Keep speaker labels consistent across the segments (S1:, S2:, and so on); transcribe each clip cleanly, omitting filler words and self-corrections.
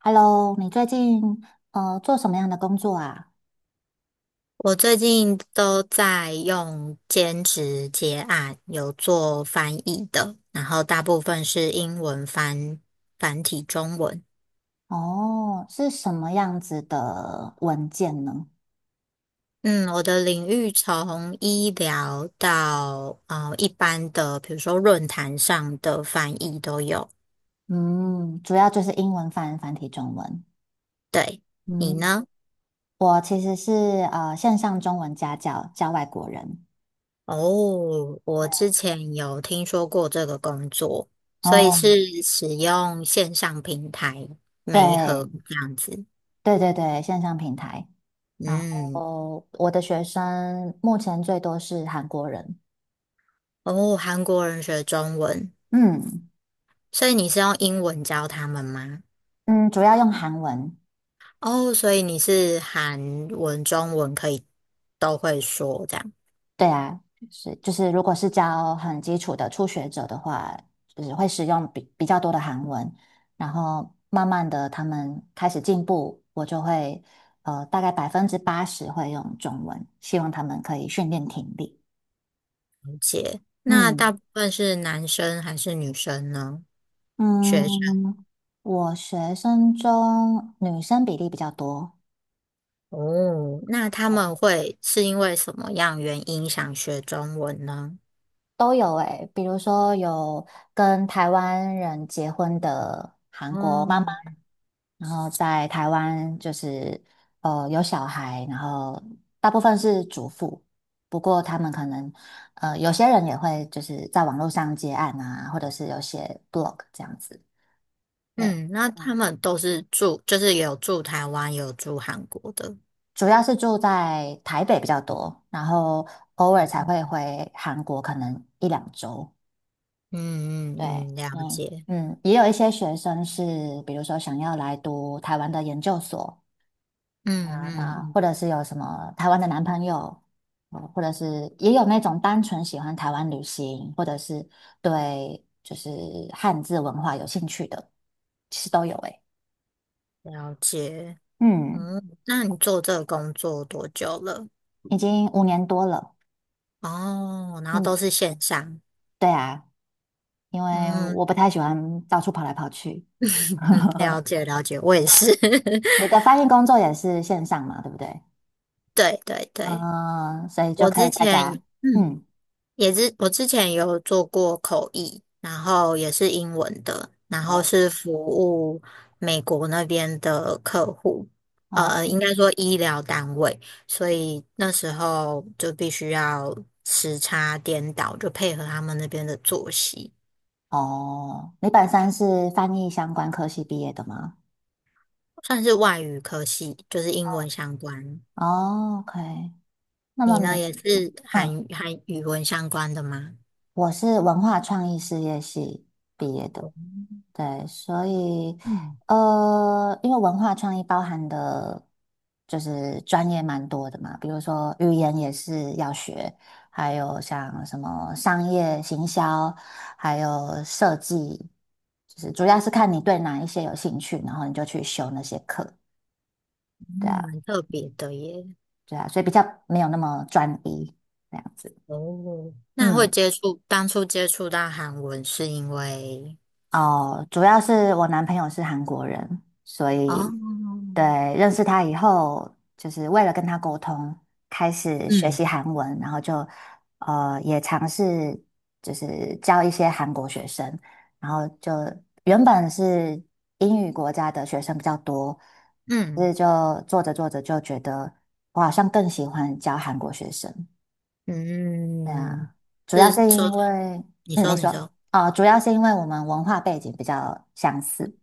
S1: Hello，你最近做什么样的工作啊？
S2: 我最近都在用兼职接案，有做翻译的，然后大部分是英文翻繁体中文。
S1: 哦，是什么样子的文件呢？
S2: 嗯，我的领域从医疗到一般的，比如说论坛上的翻译都有。
S1: 嗯，主要就是英文翻繁体中文。
S2: 对，你
S1: 嗯，
S2: 呢？
S1: 我其实是线上中文家教，教外国人。
S2: 哦，
S1: 对，
S2: 我之前有听说过这个工作，所以
S1: 哦，
S2: 是使用线上平台媒合
S1: 对
S2: 这样子。
S1: 对对对，线上平台。然
S2: 嗯。
S1: 后我的学生目前最多是韩国人。
S2: 哦，韩国人学中文，
S1: 嗯
S2: 所以你是用英文教他们吗？
S1: 嗯，主要用韩文。
S2: 哦，所以你是韩文、中文可以都会说这样
S1: 对啊，是就是如果是教很基础的初学者的话，就是会使用比较多的韩文，然后慢慢的他们开始进步，我就会大概80%会用中文，希望他们可以训练听力。
S2: 解。那
S1: 嗯
S2: 大部分是男生还是女生呢？学生。
S1: 嗯，我学生中女生比例比较多，
S2: 哦，那他们会是因为什么样原因想学中文呢？
S1: 都有诶，比如说有跟台湾人结婚的韩国妈妈，
S2: 哦，
S1: 然后在台湾就是有小孩，然后大部分是主妇，不过他们可能有些人也会就是在网络上接案啊，或者是有写 blog 这样子。对，
S2: 嗯，那
S1: 嗯，
S2: 他们都是住，就是有住台湾，有住韩国的。
S1: 主要是住在台北比较多，然后偶尔才会回韩国，可能一两周。
S2: 嗯
S1: 对，
S2: 嗯嗯，了
S1: 嗯
S2: 解。
S1: 嗯，也有一些学生是，比如说想要来读台湾的研究所
S2: 嗯
S1: 啊，
S2: 嗯
S1: 或者是有什么台湾的男朋友，或者是也有那种单纯喜欢台湾旅行，或者是对就是汉字文化有兴趣的，其实都有诶。
S2: 嗯，了解。
S1: 嗯，
S2: 嗯，那你做这个工作多久了？
S1: 已经5年多了。
S2: 哦，然后都
S1: 嗯，
S2: 是线上。
S1: 对啊，因为
S2: 嗯
S1: 我不太喜欢到处跑来跑去。
S2: 嗯，了 解了解，我也是。
S1: 你 的翻译工作也是线上嘛，对不对？
S2: 对对对，
S1: 嗯，所以就
S2: 我
S1: 可
S2: 之
S1: 以大
S2: 前
S1: 家，
S2: 嗯
S1: 嗯，
S2: 也是，我之前有做过口译，然后也是英文的，然后
S1: 哦，
S2: 是服务美国那边的客户，
S1: 哦
S2: 应该说医疗单位，所以那时候就必须要时差颠倒，就配合他们那边的作息。
S1: 哦，你本身是翻译相关科系毕业的吗？
S2: 算是外语科系，就是英文
S1: 嗯，
S2: 相关。
S1: 哦，OK，那
S2: 你
S1: 么
S2: 呢，
S1: 你，
S2: 也是
S1: 嗯，
S2: 韩语文相关的吗？
S1: 我是文化创意事业系毕业的。对，所以
S2: 嗯，
S1: 因为文化创意包含的，就是专业蛮多的嘛，比如说语言也是要学，还有像什么商业行销，还有设计，就是主要是看你对哪一些有兴趣，然后你就去修那些课，对
S2: 嗯，
S1: 啊，
S2: 蛮特别
S1: 嗯，
S2: 的耶。
S1: 对啊，所以比较没有那么专一这样子，
S2: 哦，那会
S1: 嗯。
S2: 接触，当初接触到韩文是因为，
S1: 哦，主要是我男朋友是韩国人，所
S2: 哦，
S1: 以对，认识他以后，就是为了跟他沟通，开始学
S2: 嗯
S1: 习韩文，然后就也尝试就是教一些韩国学生，然后就原本是英语国家的学生比较多，所
S2: 嗯
S1: 以就做着做着就觉得我好像更喜欢教韩国学生，对
S2: 嗯，
S1: 啊，主要
S2: 是
S1: 是因
S2: 说，
S1: 为，
S2: 你
S1: 嗯，
S2: 说
S1: 你
S2: 你
S1: 说，
S2: 说，
S1: 哦，主要是因为我们文化背景比较相似，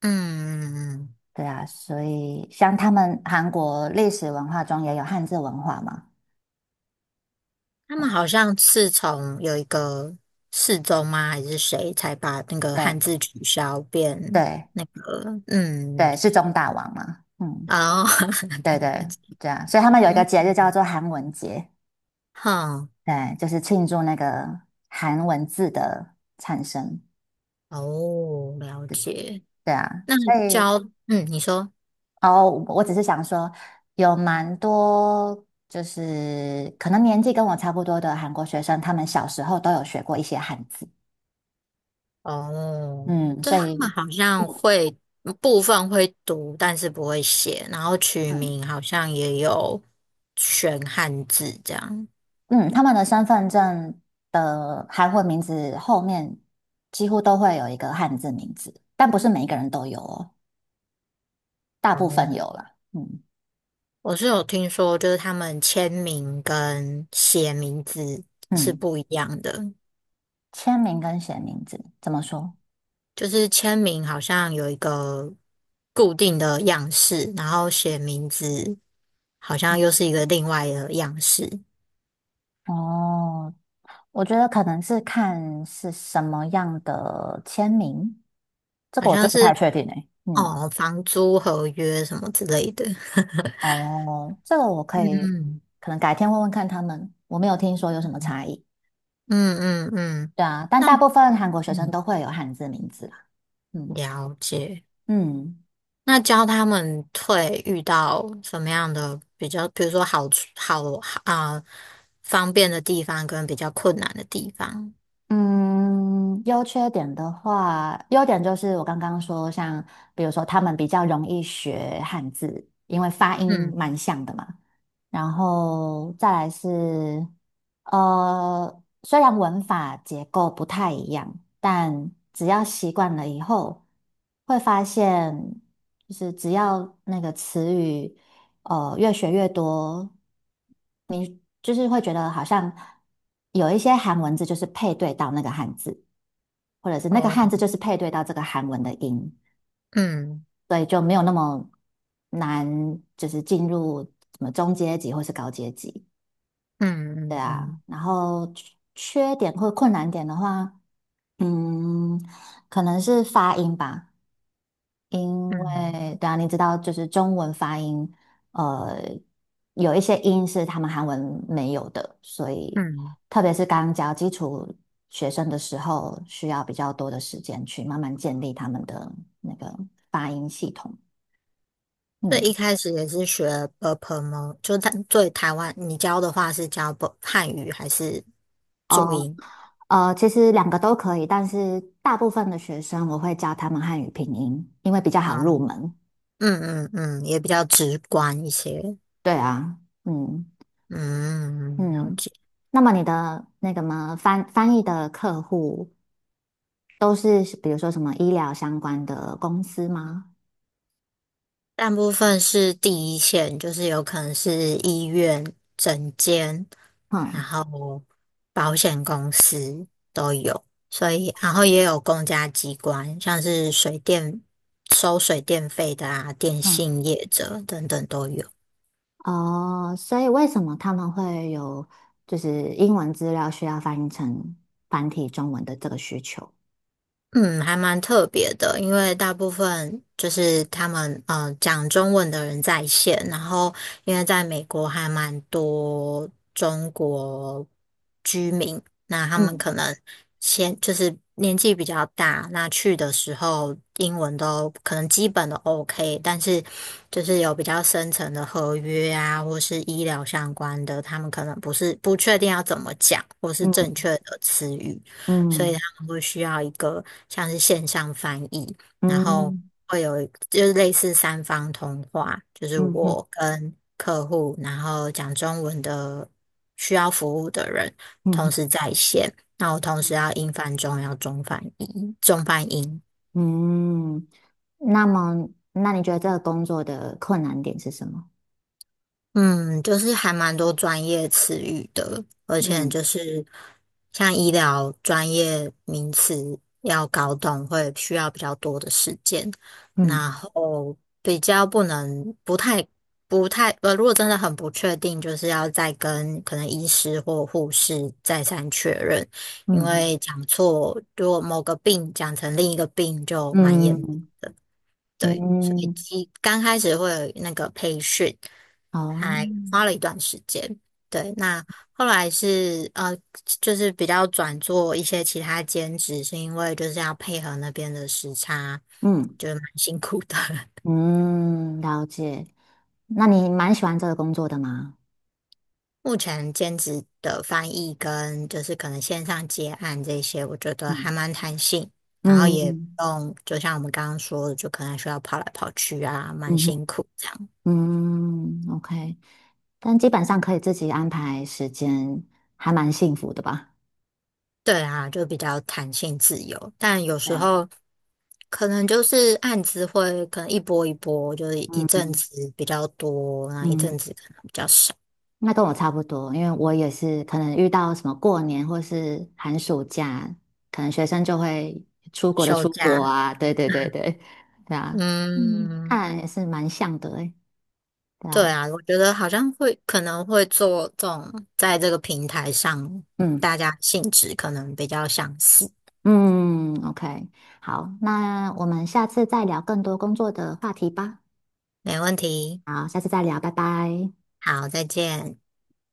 S2: 嗯，
S1: 对啊，所以像他们韩国历史文化中也有汉字文化嘛，
S2: 他们
S1: 啊，
S2: 好像是从有一个世宗吗，还是谁才把那个汉
S1: 对
S2: 字取消变
S1: 对
S2: 那个，嗯，
S1: 对，是中大王嘛，嗯，
S2: 哦，
S1: 对
S2: 对啊，
S1: 对对啊，所以他们有一个
S2: 嗯，
S1: 节日叫做韩文节，
S2: 哼，
S1: 对，就是庆祝那个韩文字的产生，
S2: 哦，了解。
S1: 对啊，
S2: 那
S1: 所以
S2: 教，嗯，你说，
S1: 哦，我只是想说，有蛮多就是可能年纪跟我差不多的韩国学生，他们小时候都有学过一些汉字，
S2: 哦，
S1: 嗯，
S2: 对，
S1: 所
S2: 他们
S1: 以
S2: 好像会嗯部分会读，但是不会写，然后取
S1: 嗯
S2: 名好像也有选汉字这样。
S1: 嗯，他们的身份证的韩文名字后面几乎都会有一个汉字名字，但不是每一个人都有哦，大部分
S2: 哦，
S1: 有啦，嗯
S2: 我是有听说，就是他们签名跟写名字是
S1: 嗯，
S2: 不一样的。
S1: 签名跟写名字怎么说？
S2: 就是签名好像有一个固定的样式，然后写名字好
S1: 嗯
S2: 像又是一个另外的样式，
S1: 哦，我觉得可能是看是什么样的签名，这
S2: 好
S1: 个我就
S2: 像
S1: 不
S2: 是
S1: 太确定诶。嗯，
S2: 哦，房租合约什么之类的。
S1: 哦，这个我可以，
S2: 嗯
S1: 可能改天问问看他们，我没有听说有什么差异。
S2: 嗯嗯嗯，
S1: 对啊，但
S2: 那
S1: 大部分韩国学生
S2: 嗯，
S1: 都会有汉字名字啦。嗯
S2: 了解。
S1: 嗯。
S2: 那教他们退遇到什么样的比较，比如说好处好啊、方便的地方跟比较困难的地方。
S1: 嗯，优缺点的话，优点就是我刚刚说，像比如说他们比较容易学汉字，因为发音
S2: 嗯，
S1: 蛮像的嘛。然后再来是，虽然文法结构不太一样，但只要习惯了以后，会发现就是只要那个词语。越学越多，你就是会觉得好像有一些韩文字就是配对到那个汉字，或者是那个
S2: 哦，
S1: 汉字就是配对到这个韩文的音，
S2: 嗯
S1: 所以就没有那么难，就是进入什么中阶级或是高阶级。对
S2: 嗯嗯
S1: 啊，
S2: 嗯
S1: 然后缺点或困难点的话，嗯，可能是发音吧。因
S2: 嗯
S1: 为对啊，你知道，就是中文发音，呃，有一些音是他们韩文没有的，所以
S2: 嗯。
S1: 特别是刚教基础学生的时候，需要比较多的时间去慢慢建立他们的那个发音系统。
S2: 所以一
S1: 嗯，
S2: 开始也是学 b u p e o 就台湾，你教的话是教 b 汉语还是注
S1: 呃
S2: 音？
S1: 其实两个都可以，但是大部分的学生我会教他们汉语拼音，因为比较好入
S2: 啊、
S1: 门。
S2: 嗯嗯嗯，也比较直观一些。
S1: 对啊，嗯
S2: 嗯，了
S1: 嗯。
S2: 解。
S1: 那么你的那个嘛，翻译的客户。都是比如说什么医疗相关的公司吗？
S2: 大部分是第一线，就是有可能是医院、诊间，然
S1: 嗯
S2: 后保险公司都有，所以然后也有公家机关，像是水电收水电费的啊，电
S1: 嗯
S2: 信业者等等都有。
S1: 哦，所以为什么他们会有就是英文资料需要翻译成繁体中文的这个需求？
S2: 嗯，还蛮特别的，因为大部分就是他们讲中文的人在线，然后因为在美国还蛮多中国居民，那他们
S1: 嗯
S2: 可能先就是年纪比较大，那去的时候英文都可能基本的 OK，但是就是有比较深层的合约啊，或是医疗相关的，他们可能不是不确定要怎么讲，或是正
S1: 嗯
S2: 确的词语。所以
S1: 嗯
S2: 他们会需要一个像是线上翻译，然后
S1: 嗯
S2: 会有就是类似三方通话，就是
S1: 嗯嗯
S2: 我跟客户，然后讲中文的需要服务的人同
S1: 嗯
S2: 时在线，那我同时
S1: 嗯
S2: 要英翻中，要中翻英，中翻英。
S1: 嗯。那么，那你觉得这个工作的困难点是什么？
S2: 嗯，就是还蛮多专业词语的，而且
S1: 嗯
S2: 就是像医疗专业名词要搞懂，会需要比较多的时间，然
S1: 嗯
S2: 后比较不能不太如果真的很不确定，就是要再跟可能医师或护士再三确认，因
S1: 嗯
S2: 为讲错，如果某个病讲成另一个病就蛮
S1: 嗯
S2: 严
S1: 嗯
S2: 对，所以
S1: 嗯
S2: 一刚开始会有那个培训，
S1: 哦
S2: 还花了一段时间。对，那后来是就是比较转做一些其他兼职，是因为就是要配合那边的时差，
S1: 嗯
S2: 就是蛮辛苦的。
S1: 嗯，了解。那你蛮喜欢这个工作的吗？
S2: 目前兼职的翻译跟就是可能线上接案这些，我觉得还
S1: 嗯
S2: 蛮弹性，然后也不
S1: 嗯
S2: 用，就像我们刚刚说的，就可能需要跑来跑去啊，蛮
S1: 嗯哼
S2: 辛苦这样。
S1: 嗯，OK。但基本上可以自己安排时间，还蛮幸福的吧？
S2: 对啊，就比较弹性自由，但有
S1: 对
S2: 时
S1: 啊，
S2: 候可能就是案子会可能一波一波，就是一
S1: 嗯
S2: 阵子比较多，那一
S1: 嗯，
S2: 阵子可能比较少。
S1: 那跟我差不多，因为我也是可能遇到什么过年或是寒暑假，可能学生就会出国的
S2: 休
S1: 出国
S2: 假，
S1: 啊，对对对对，对啊，嗯，看
S2: 嗯，
S1: 来也是蛮像的诶，对
S2: 对
S1: 啊，
S2: 啊，我觉得好像会可能会做这种，在这个平台上，
S1: 嗯。
S2: 大家性质可能比较相似。
S1: 嗯，OK，好，那我们下次再聊更多工作的话题吧。
S2: 没问题，
S1: 好，下次再聊，拜拜。
S2: 好，再见。